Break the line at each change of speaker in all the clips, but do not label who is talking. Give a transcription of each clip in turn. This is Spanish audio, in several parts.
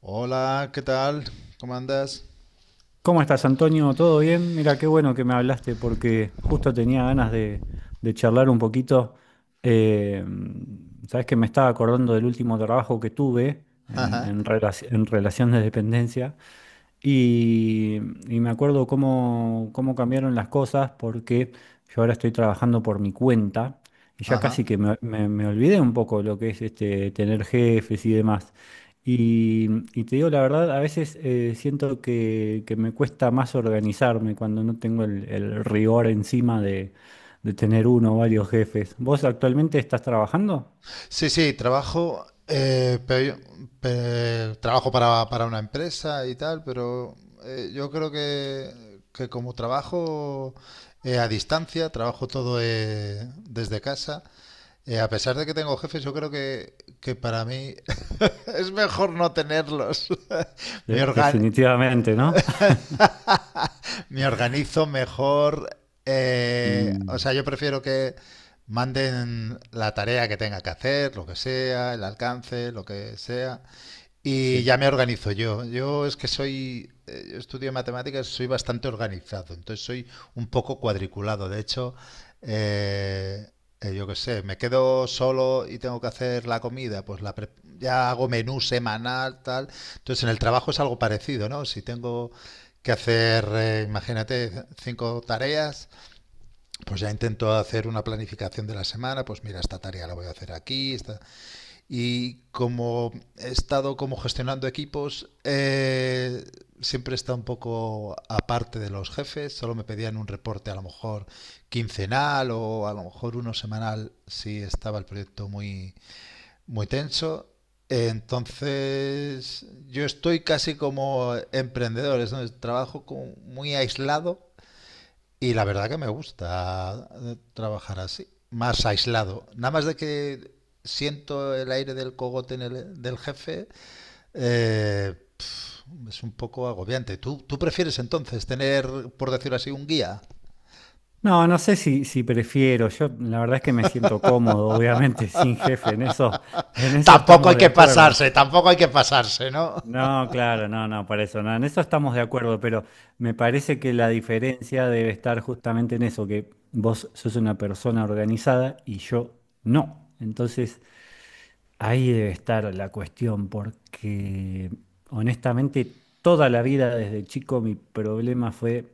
Hola, ¿qué tal? ¿Cómo andas?
¿Cómo estás, Antonio? ¿Todo bien? Mira, qué bueno que me hablaste porque justo tenía ganas de charlar un poquito. Eh, sabes que me estaba acordando del último trabajo que tuve en,
Ajá,
en, relaci- en relación de dependencia y, y me acuerdo cómo cambiaron las cosas porque yo ahora estoy trabajando por mi cuenta y ya casi
ajá.
que me olvidé un poco lo que es este, tener jefes y demás. Y, y te digo la verdad, a veces siento que me cuesta más organizarme cuando no tengo el rigor encima de tener uno o varios jefes. ¿Vos actualmente estás trabajando?
Sí, sí, trabajo, trabajo para una empresa y tal, pero yo creo que como trabajo a distancia, trabajo todo desde casa, a pesar de que tengo jefes, yo creo que para mí es mejor no tenerlos. Mi
De-
organ-
definitivamente, ¿no?
Me organizo mejor. O
Mm,
sea, yo prefiero que manden la tarea que tenga que hacer, lo que sea, el alcance, lo que sea. Y ya
sí.
me organizo yo. Yo es que soy, yo estudio matemáticas, soy bastante organizado, entonces soy un poco cuadriculado. De hecho, eh, yo qué sé, me quedo solo y tengo que hacer la comida, pues ya hago menú semanal, tal. Entonces en el trabajo es algo parecido, ¿no? Si tengo que hacer, imagínate, cinco tareas, pues ya intento hacer una planificación de la semana, pues mira, esta tarea la voy a hacer aquí, esta... Y como he estado como gestionando equipos, siempre está un poco aparte de los jefes, solo me pedían un reporte a lo mejor quincenal o a lo mejor uno semanal si estaba el proyecto muy, muy tenso. Entonces, yo estoy casi como emprendedor, es donde trabajo como muy aislado y la verdad que me gusta trabajar así, más aislado. Nada más de que siento el aire del cogote en del jefe, eh, es un poco agobiante. ¿Tú prefieres entonces tener, por decirlo así, un guía?
No, no sé si, si prefiero. Yo la verdad es que me siento cómodo, obviamente, sin jefe. En eso
Tampoco hay
estamos de
que
acuerdo.
pasarse, tampoco hay que pasarse, ¿no?
No, claro, no, no, para eso, no, en eso estamos de acuerdo, pero me parece que la diferencia debe estar justamente en eso, que vos sos una persona organizada y yo no. Entonces, ahí debe estar la cuestión, porque honestamente toda la vida desde chico mi problema fue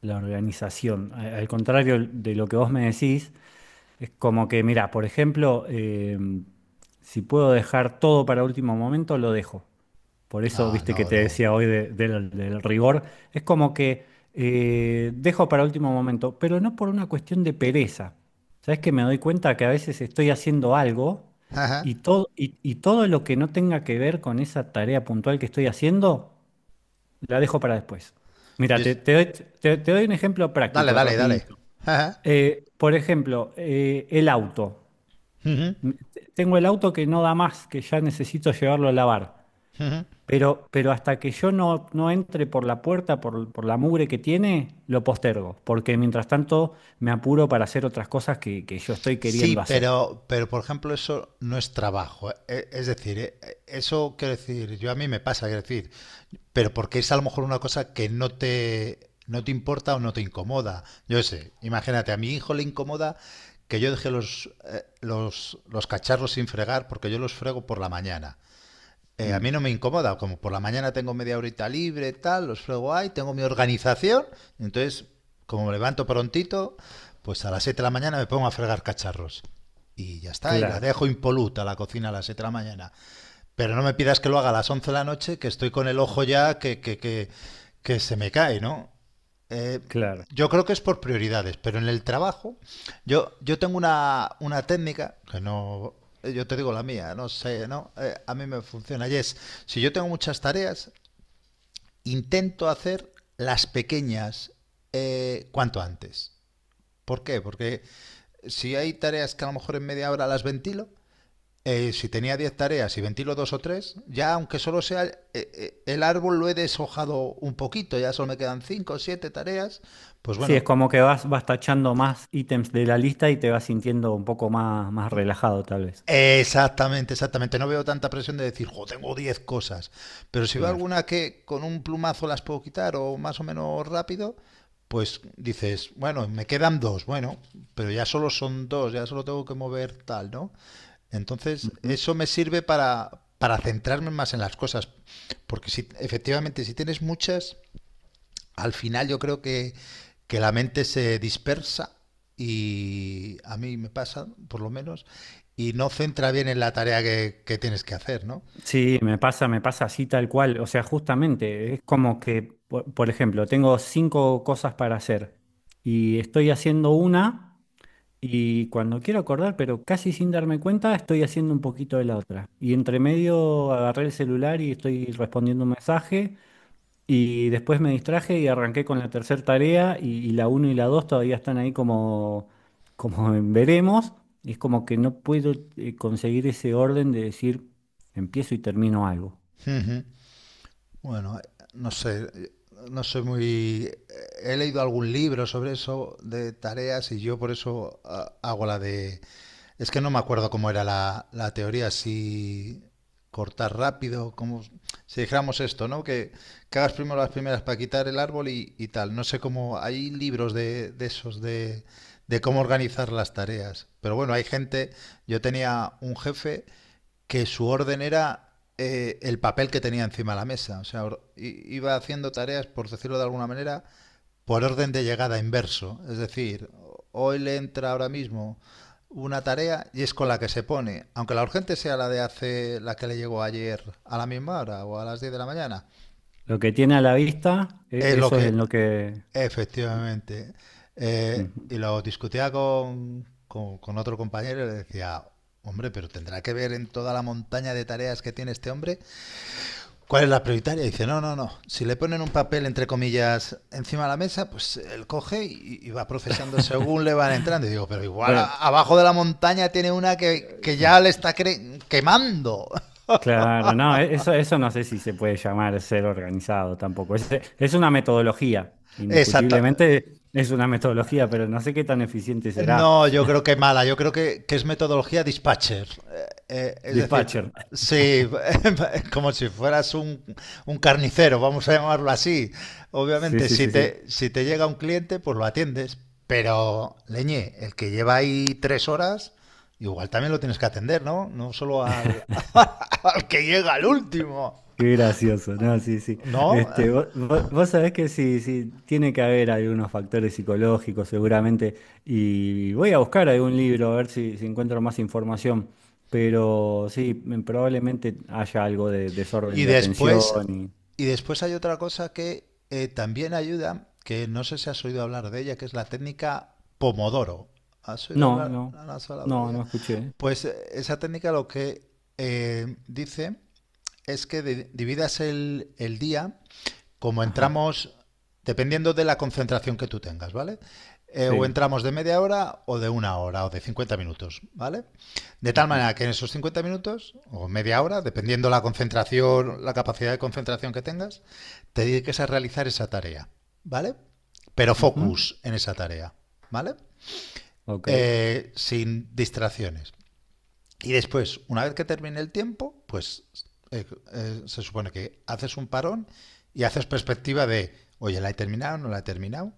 la organización. A- Al contrario de lo que vos me decís, es como que, mira, por ejemplo, si puedo dejar todo para último momento, lo dejo. Por eso,
Ah,
viste que
no,
te
no.
decía hoy de- del, del rigor, es como que dejo para último momento, pero no por una cuestión de pereza. Sabes que me doy cuenta que a veces estoy haciendo algo y
Ajá.
todo, y todo lo que no tenga que ver con esa tarea puntual que estoy haciendo, la dejo para después. Mira,
Yo
te,
es-
te doy, te- te doy un ejemplo
Dale,
práctico,
dale, dale.
rapidito.
Ajá.
Por ejemplo, el auto.
Ujú,
M- Tengo el auto que no da más, que ya necesito llevarlo a lavar.
ujú.
Pero hasta que yo no, no entre por la puerta, por la mugre que tiene, lo postergo, porque mientras tanto me apuro para hacer otras cosas que yo estoy
Sí,
queriendo hacer.
pero por ejemplo, eso no es trabajo. Es decir, eso quiero decir, yo a mí me pasa, quiero decir, pero porque es a lo mejor una cosa que no te importa o no te incomoda. Yo sé, imagínate, a mi hijo le incomoda que yo deje los, los cacharros sin fregar porque yo los frego por la mañana. A
Mm,
mí no me incomoda, como por la mañana tengo media horita libre, tal, los frego ahí, tengo mi organización, entonces como me levanto prontito, pues a las 7 de la mañana me pongo a fregar cacharros. Y ya está, y la
claro,
dejo impoluta la cocina a las 7 de la mañana. Pero no me pidas que lo haga a las 11 de la noche, que estoy con el ojo ya que se me cae, ¿no? Eh,
claro.
yo creo que es por prioridades, pero en el trabajo, yo tengo una técnica que no. Yo te digo la mía, no sé, ¿no? A mí me funciona. Y es, si yo tengo muchas tareas, intento hacer las pequeñas cuanto antes. ¿Por qué? Porque si hay tareas que a lo mejor en media hora las ventilo, si tenía 10 tareas y ventilo dos o tres, ya aunque solo sea el árbol lo he deshojado un poquito, ya solo me quedan cinco o siete tareas, pues
Sí, es
bueno,
como que vas, vas tachando más ítems de la lista y te vas sintiendo un poco más, más relajado, tal vez.
exactamente, exactamente, no veo tanta presión de decir, jo, tengo 10 cosas, pero si veo
Claro.
alguna que con un plumazo las puedo quitar o más o menos rápido, pues dices, bueno, me quedan dos, bueno, pero ya solo son dos, ya solo tengo que mover tal, ¿no? Entonces,
Ujú.
eso me sirve para centrarme más en las cosas. Porque si, efectivamente, si tienes muchas, al final yo creo que la mente se dispersa y a mí me pasa, por lo menos, y no centra bien en la tarea que tienes que hacer, ¿no?
Sí, me pasa así tal cual. O sea, justamente, es como que, por ejemplo, tengo cinco cosas para hacer y estoy haciendo una. Y cuando quiero acordar, pero casi sin darme cuenta, estoy haciendo un poquito de la otra. Y entre medio agarré el celular y estoy respondiendo un mensaje. Y después me distraje y arranqué con la tercera tarea. Y la uno y la 2 todavía están ahí como, como en veremos. Y es como que no puedo conseguir ese orden de decir empiezo y termino algo.
Ujú. Bueno, no sé, no soy muy... He leído algún libro sobre eso de tareas y yo por eso hago la de. Es que no me acuerdo cómo era la teoría, si cortar rápido, como si dijéramos esto, ¿no? Que hagas primero las primeras para quitar el árbol y tal. No sé cómo, hay libros de esos de cómo organizar las tareas. Pero bueno, hay gente, yo tenía un jefe que su orden era el papel que tenía encima de la mesa. O sea, iba haciendo tareas, por decirlo de alguna manera, por orden de llegada inverso. Es decir, hoy le entra ahora mismo una tarea y es con la que se pone, aunque la urgente sea la de hace la que le llegó ayer a la misma hora o a las 10 de la mañana,
Lo que tiene a la vista,
es
e-
lo
eso es
que
en lo que.
efectivamente.
Ujú.
Y lo discutía con otro compañero y le decía, hombre, pero tendrá que ver en toda la montaña de tareas que tiene este hombre. ¿Cuál es la prioritaria? Dice, no, no, no. Si le ponen un papel, entre comillas, encima de la mesa, pues él coge y va procesando según le van entrando. Y digo, pero igual
Bueno.
abajo de la montaña tiene una que ya le está quemando.
Claro, no, e- eso no sé si se puede llamar ser organizado tampoco. Es una metodología,
Exacto.
indiscutiblemente es una metodología, pero no sé qué tan eficiente será.
No, yo creo que mala, yo creo que es metodología dispatcher. Es decir,
Dispatcher.
sí, como si fueras un carnicero, vamos a llamarlo así.
Sí,
Obviamente,
sí,
si
sí, sí.
te, si te llega un cliente, pues lo atiendes. Pero, leñe, el que lleva ahí 3 horas, igual también lo tienes que atender, ¿no? No solo al, al que llega al último,
Qué gracioso, ¿no? Sí, sí.
¿no?
Este, vo- vo- vos, sabés que sí, sí, tiene que haber algunos factores psicológicos seguramente. Y voy a buscar algún libro a ver si, si encuentro más información. Pero sí, probablemente haya algo de desorden
Y
de
después,
atención.
y después hay otra cosa que también ayuda, que no sé si has oído hablar de ella, que es la técnica Pomodoro.
No, no,
¿No has hablado de
no,
ella?
no escuché.
Pues esa técnica lo que dice es que dividas el día como
Ajá,
entramos, dependiendo de la concentración que tú tengas, ¿vale? O
sí.
entramos de media hora o de una hora o de 50 minutos, ¿vale? De tal
Ujú,
manera que en esos 50 minutos o media hora, dependiendo la concentración, la capacidad de concentración que tengas, te dediques a realizar esa tarea, ¿vale? Pero
ujú.
focus en esa tarea, ¿vale?
Ok,
Sin distracciones. Y después, una vez que termine el tiempo, pues eh, se supone que haces un parón y haces perspectiva de, oye, ¿la he terminado? ¿No la he terminado?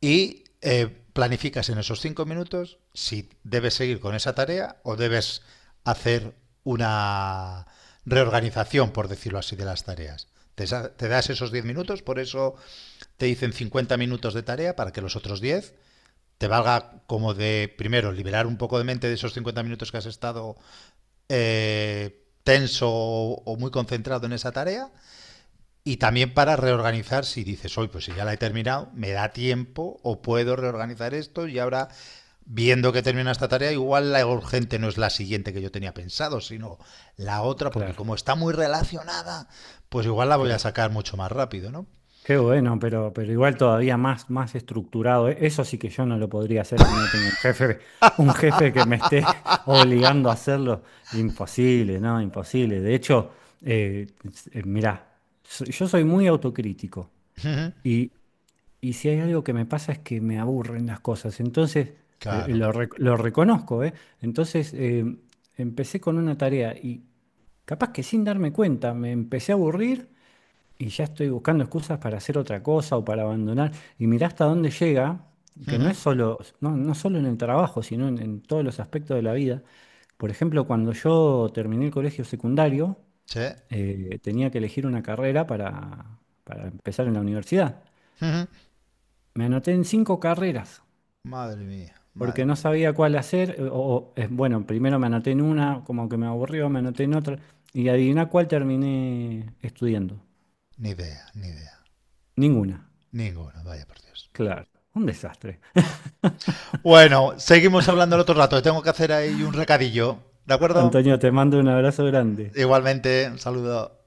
Y planificas en esos 5 minutos si debes seguir con esa tarea o debes hacer una reorganización, por decirlo así, de las tareas. Te, te das esos 10 minutos, por eso te dicen 50 minutos de tarea para que los otros 10 te valga como de, primero, liberar un poco de mente de esos 50 minutos que has estado tenso o muy concentrado en esa tarea y también para reorganizar, si dices, hoy pues si ya la he terminado, me da tiempo o puedo reorganizar esto y ahora, viendo que termina esta tarea, igual la urgente no es la siguiente que yo tenía pensado, sino la otra, porque
claro,
como está muy relacionada, pues igual la voy a
claro.
sacar mucho más rápido, ¿no?
Qué bueno, pero igual todavía más, más estructurado. E- Eso sí que yo no lo podría hacer si no tengo un jefe que me esté obligando a hacerlo. Imposible, ¿no? Imposible. De hecho, s- mirá, so- yo soy muy autocrítico. Y si hay algo que me pasa es que me aburren las cosas. Entonces, pero
Claro.
lo, rec- lo reconozco, ¿eh? Entonces, empecé con una tarea y capaz que sin darme cuenta me empecé a aburrir y ya estoy buscando excusas para hacer otra cosa o para abandonar. Y mirá hasta dónde llega, que no es solo, no, no solo en el trabajo, sino en todos los aspectos de la vida. Por ejemplo, cuando yo terminé el colegio secundario,
¿Sí?
tenía que elegir una carrera para empezar en la universidad. Me anoté en cinco carreras,
Madre mía,
porque
madre
no
mía.
sabía cuál hacer, o, bueno, primero me anoté en una, como que me aburrió, me anoté en otra, y adivina cuál terminé estudiando.
Ni idea, ni idea.
Ninguna,
Ninguna, vaya por Dios.
claro, un desastre.
Bueno, seguimos hablando el otro rato. Tengo que hacer ahí un recadillo, ¿de acuerdo?
Antonio, te mando un abrazo grande.
Igualmente, un saludo.